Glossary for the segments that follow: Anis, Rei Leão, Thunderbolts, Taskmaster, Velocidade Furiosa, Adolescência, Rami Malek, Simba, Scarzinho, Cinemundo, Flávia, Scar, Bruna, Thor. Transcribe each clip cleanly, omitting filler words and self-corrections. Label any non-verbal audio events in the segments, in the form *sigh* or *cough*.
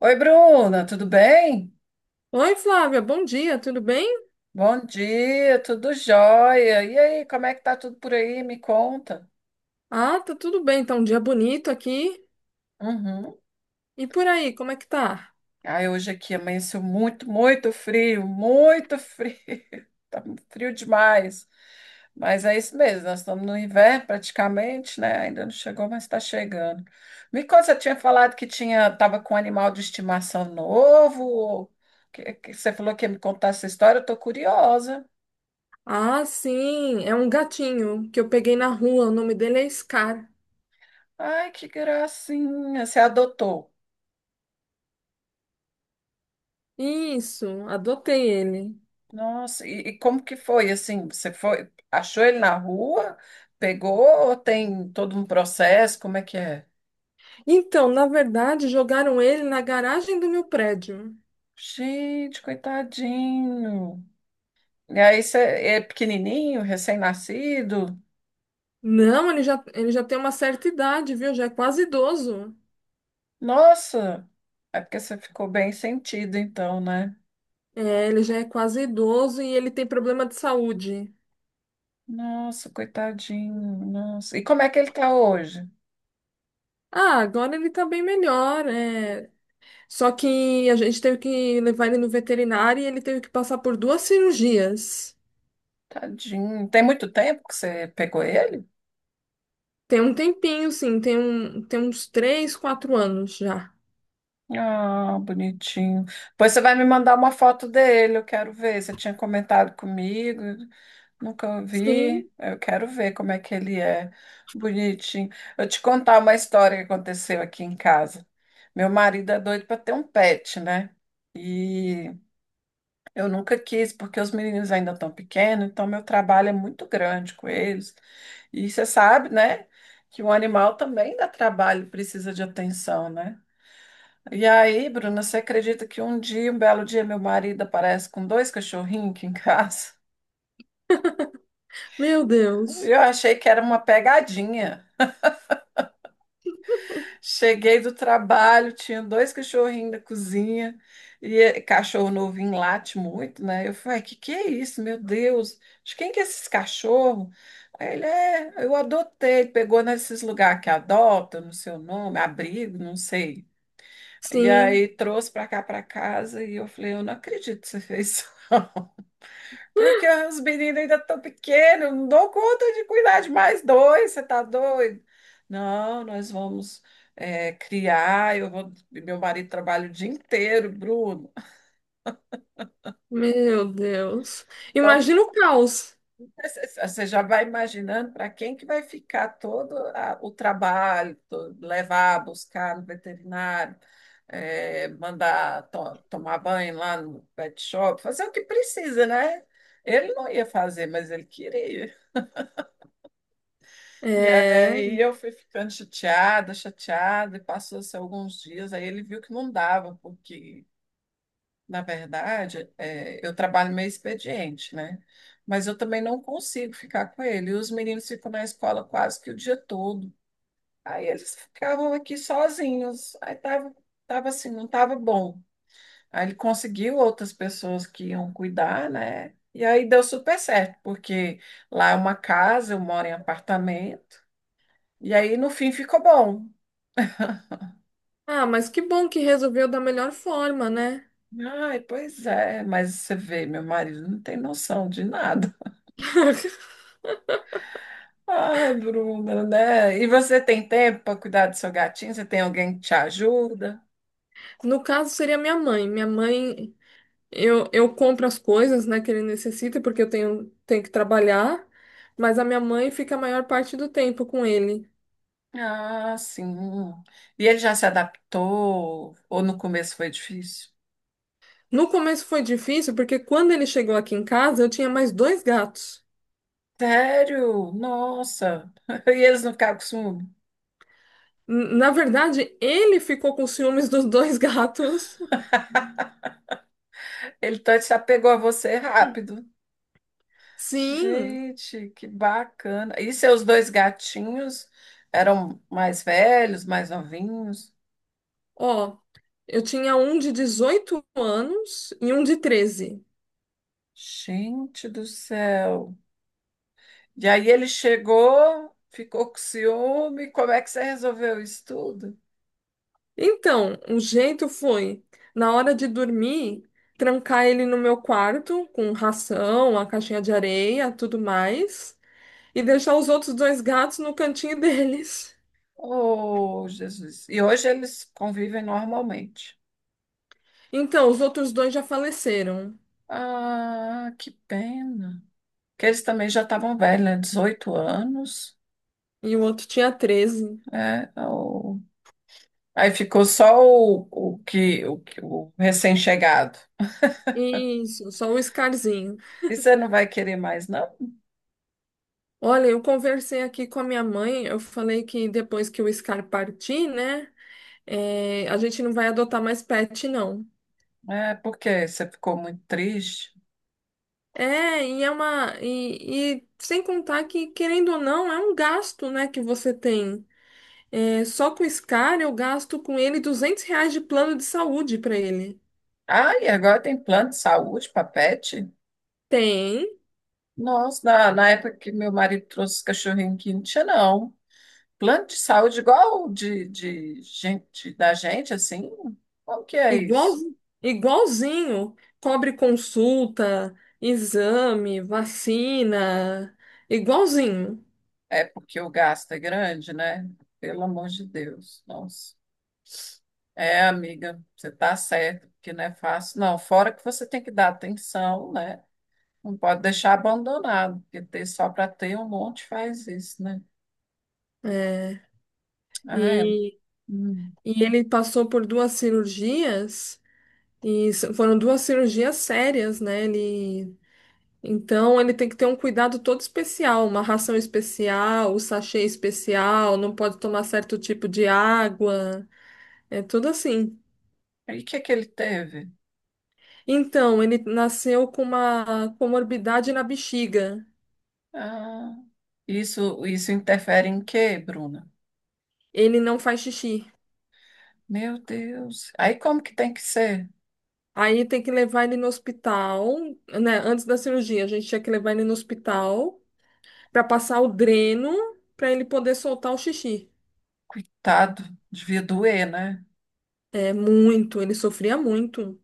Oi, Bruna, tudo bem? Oi, Flávia, bom dia, tudo bem? Bom dia, tudo jóia. E aí, como é que tá tudo por aí? Me conta. Ah, tá tudo bem, tá um dia bonito aqui. Uhum. E por aí, como é que tá? Ai, hoje aqui amanheceu muito, muito frio, muito frio. *laughs* Tá frio demais. Mas é isso mesmo, nós estamos no inverno praticamente, né? Ainda não chegou, mas está chegando. Me conta, você tinha falado que tava com um animal de estimação novo? Ou Que você falou que ia me contar essa história, eu tô curiosa. Ah, sim, é um gatinho que eu peguei na rua, o nome dele é Scar. Ai, que gracinha, você adotou. Isso, adotei ele. Nossa, e como que foi assim? Você foi, achou ele na rua, pegou ou tem todo um processo? Como é que é? Então, na verdade, jogaram ele na garagem do meu prédio. Gente, coitadinho. E aí você é pequenininho, recém-nascido? Não, ele já tem uma certa idade, viu? Já é quase idoso. Nossa, é porque você ficou bem sentido então, né? É, ele já é quase idoso e ele tem problema de saúde. Nossa, coitadinho, nossa. E como é que ele tá hoje? Ah, agora ele tá bem melhor. Só que a gente teve que levar ele no veterinário e ele teve que passar por duas cirurgias. Tadinho. Tem muito tempo que você pegou ele? Tem um tempinho, sim, tem, tem uns 3, 4 anos já. Ah, bonitinho. Pois você vai me mandar uma foto dele, eu quero ver. Você tinha comentado comigo, nunca vi. Sim, Eu quero ver como é que ele é. Bonitinho. Eu te contar uma história que aconteceu aqui em casa. Meu marido é doido para ter um pet, né? E eu nunca quis, porque os meninos ainda estão pequenos, então meu trabalho é muito grande com eles. E você sabe, né, que um animal também dá trabalho, precisa de atenção, né? E aí, Bruna, você acredita que um dia, um belo dia, meu marido aparece com dois cachorrinhos aqui em casa? meu Deus. Eu achei que era uma pegadinha. Cheguei do trabalho, tinha dois cachorrinhos da cozinha, e cachorro novinho late muito, né? Eu falei, que é isso, meu Deus? De quem que é esses cachorros? Aí ele é, eu adotei, ele pegou nesses lugares que adota, não sei o nome, abrigo, não sei. E Sim, aí trouxe para cá, para casa, e eu falei, eu não acredito que você fez isso. *laughs* Porque os meninos ainda estão pequenos, não dou conta de cuidar de mais dois, você tá doido? Não, nós vamos criar, eu vou, meu marido trabalha o dia inteiro, Bruno. meu Deus. Então, Imagina o caos. *laughs* você já vai imaginando para quem que vai ficar todo o trabalho, levar, buscar no veterinário, mandar tomar banho lá no pet shop, fazer o que precisa, né? Ele não ia fazer, mas ele queria. E É. aí eu fui ficando chateada, chateada, e passou-se alguns dias, aí ele viu que não dava, porque, na verdade, eu trabalho meio expediente, né? Mas eu também não consigo ficar com ele. E os meninos ficam na escola quase que o dia todo. Aí eles ficavam aqui sozinhos. Aí tava assim, não tava bom. Aí ele conseguiu outras pessoas que iam cuidar, né? E aí deu super certo, porque lá é uma casa, eu moro em apartamento. E aí, no fim, ficou bom. Ah, mas que bom que resolveu da melhor forma, né? Ai, pois é, mas você vê, meu marido não tem noção de nada. *laughs* *laughs* Ai, Bruna, né? E você tem tempo para cuidar do seu gatinho? Você tem alguém que te ajuda? No caso, seria minha mãe. Minha mãe. Eu compro as coisas, né, que ele necessita, porque eu tenho que trabalhar, mas a minha mãe fica a maior parte do tempo com ele. Ah, sim. E ele já se adaptou? Ou no começo foi difícil? No começo foi difícil, porque quando ele chegou aqui em casa, eu tinha mais dois gatos. Sério? Nossa. *laughs* E eles não ficaram com ciúme? Na verdade, ele ficou com ciúmes dos dois *laughs* gatos. Se apegou a você rápido. Sim, Gente, que bacana. E seus dois gatinhos eram mais velhos, mais novinhos? ó, eu tinha um de 18 anos e um de 13. Gente do céu. E aí ele chegou, ficou com ciúme. Como é que você resolveu isso tudo? Então, o jeito foi, na hora de dormir, trancar ele no meu quarto com ração, a caixinha de areia, tudo mais, e deixar os outros dois gatos no cantinho *laughs* deles. Oh, Jesus. E hoje eles convivem normalmente. Então, os outros dois já faleceram Ah, que pena. Que eles também já estavam velhos, né? 18 anos. e o outro tinha 13. É, aí ficou só o o recém-chegado. Isso, só o Scarzinho. E você não vai querer mais, não? Olha, eu conversei aqui com a minha mãe, eu falei que depois que o Scar partir, né, a gente não vai adotar mais pet, não. É porque você ficou muito triste. É, e é uma. E sem contar que, querendo ou não, é um gasto, né, que você tem. É, só com o Scar eu gasto com ele R$ 200 de plano de saúde para ele. Ah, e agora tem plano de saúde para pet? Tem, Nossa, na época que meu marido trouxe os cachorrinhos aqui, não tinha, não. Plano de saúde igual o de gente, da gente, assim? Como que é igual, isso? igualzinho, cobre consulta, exame, vacina, igualzinho. É porque o gasto é grande, né? Pelo amor de Deus. Nossa. É, amiga, você está certo, que não é fácil, não. Fora que você tem que dar atenção, né? Não pode deixar abandonado, porque ter só para ter um monte faz isso, né? É, Ah, é. e, Hum. e ele passou por duas cirurgias, e foram duas cirurgias sérias, né? Ele. Então ele tem que ter um cuidado todo especial, uma ração especial, o sachê especial, não pode tomar certo tipo de água, é tudo assim. E o que que ele teve? Então, ele nasceu com uma comorbidade na bexiga. Ah, isso interfere em quê, Bruna? Ele não faz xixi. Meu Deus. Aí como que tem que ser? Aí tem que levar ele no hospital, né? Antes da cirurgia, a gente tinha que levar ele no hospital para passar o dreno para ele poder soltar o xixi. Coitado, devia doer, né? É muito, ele sofria muito.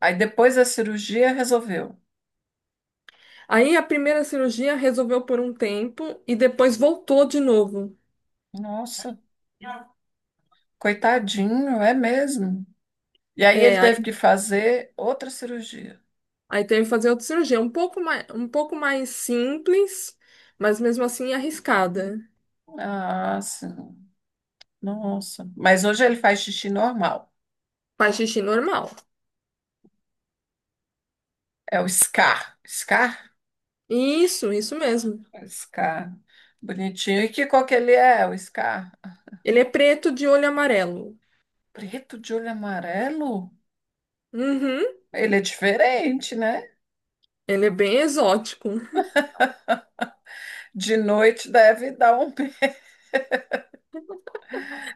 Aí depois da cirurgia resolveu. Aí a primeira cirurgia resolveu por um tempo e depois voltou de novo. Nossa, coitadinho, é mesmo. E aí ele É, teve aí, que fazer outra cirurgia. aí teve que fazer outra cirurgia, um pouco mais simples, mas mesmo assim arriscada. Ah, sim. Nossa. Mas hoje ele faz xixi normal. Faz xixi normal. É o Scar. Scar, Isso mesmo. Scar. Bonitinho. E que cor que ele é, o Scar? Ele é preto de olho amarelo. Preto de olho amarelo? Uhum, Ele é diferente, né? ele é bem exótico. De noite deve dar um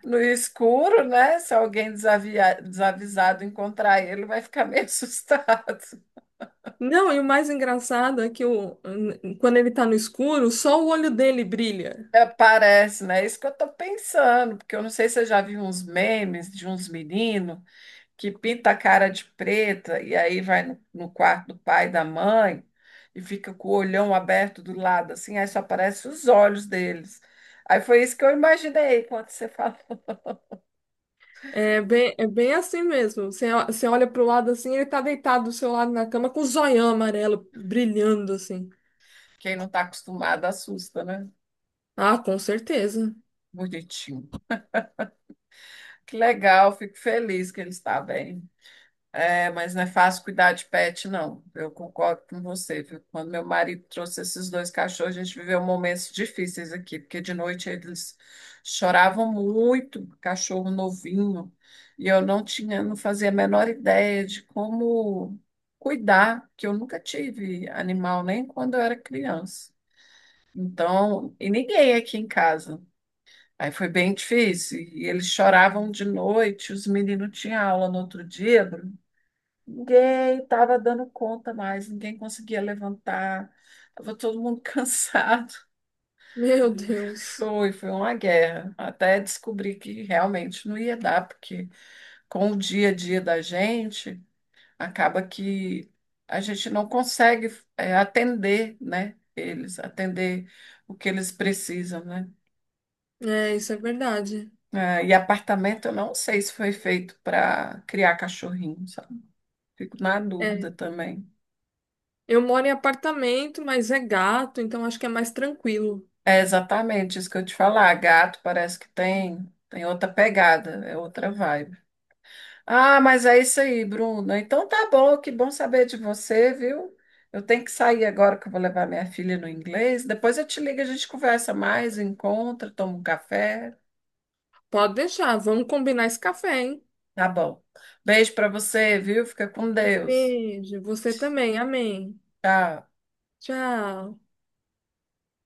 no escuro, né? Se alguém desavisado encontrar ele, vai ficar meio *laughs* assustado. Não, e o mais engraçado é que quando ele tá no escuro, só o olho dele brilha. É, parece, né? É isso que eu tô pensando, porque eu não sei se você já viu uns memes de uns meninos que pinta a cara de preta e aí vai no, quarto do pai e da mãe e fica com o olhão aberto do lado, assim, aí só aparecem os olhos deles. Aí foi isso que eu imaginei quando você *laughs* falou. É bem assim mesmo. Você olha pro lado assim, ele tá deitado do seu lado na cama com o zoião amarelo brilhando assim. Quem não está acostumado assusta, né? Ah, com certeza. Bonitinho. Que legal, fico feliz que ele está bem. É, mas não é fácil cuidar de pet, não. Eu concordo com você, viu? Quando meu marido trouxe esses dois cachorros, a gente viveu momentos difíceis aqui, porque de noite eles choravam muito, cachorro novinho, e eu não tinha, não fazia a menor ideia de como cuidar, porque eu nunca tive animal, nem quando eu era criança. Então, e ninguém aqui em casa. Aí foi bem difícil. E eles choravam de noite, os meninos tinham aula no outro dia, Bruno. Ninguém estava dando conta mais, ninguém conseguia levantar, estava todo mundo *laughs* cansado. Meu Deus. Foi uma guerra, até descobrir que realmente não ia dar, porque com o dia a dia da gente, acaba que a gente não consegue atender, né, eles, atender o que eles precisam, né? É, isso é verdade. É, e apartamento, eu não sei se foi feito para criar cachorrinho, sabe? Fico na É, dúvida também. eu moro em apartamento, mas é gato, então acho que é mais tranquilo. É exatamente isso que eu te falar. Gato parece que tem outra pegada, é outra vibe. Ah, mas é isso aí, Bruno. Então tá bom, que bom saber de você, viu? Eu tenho que sair agora que eu vou levar minha filha no inglês. Depois eu te ligo, a gente conversa mais, encontra, toma um café. Pode deixar, vamos combinar esse café, hein? Tá bom. Beijo pra você, viu? Fica com Deus. Beijo, você também. Amém. Tchau. Tchau.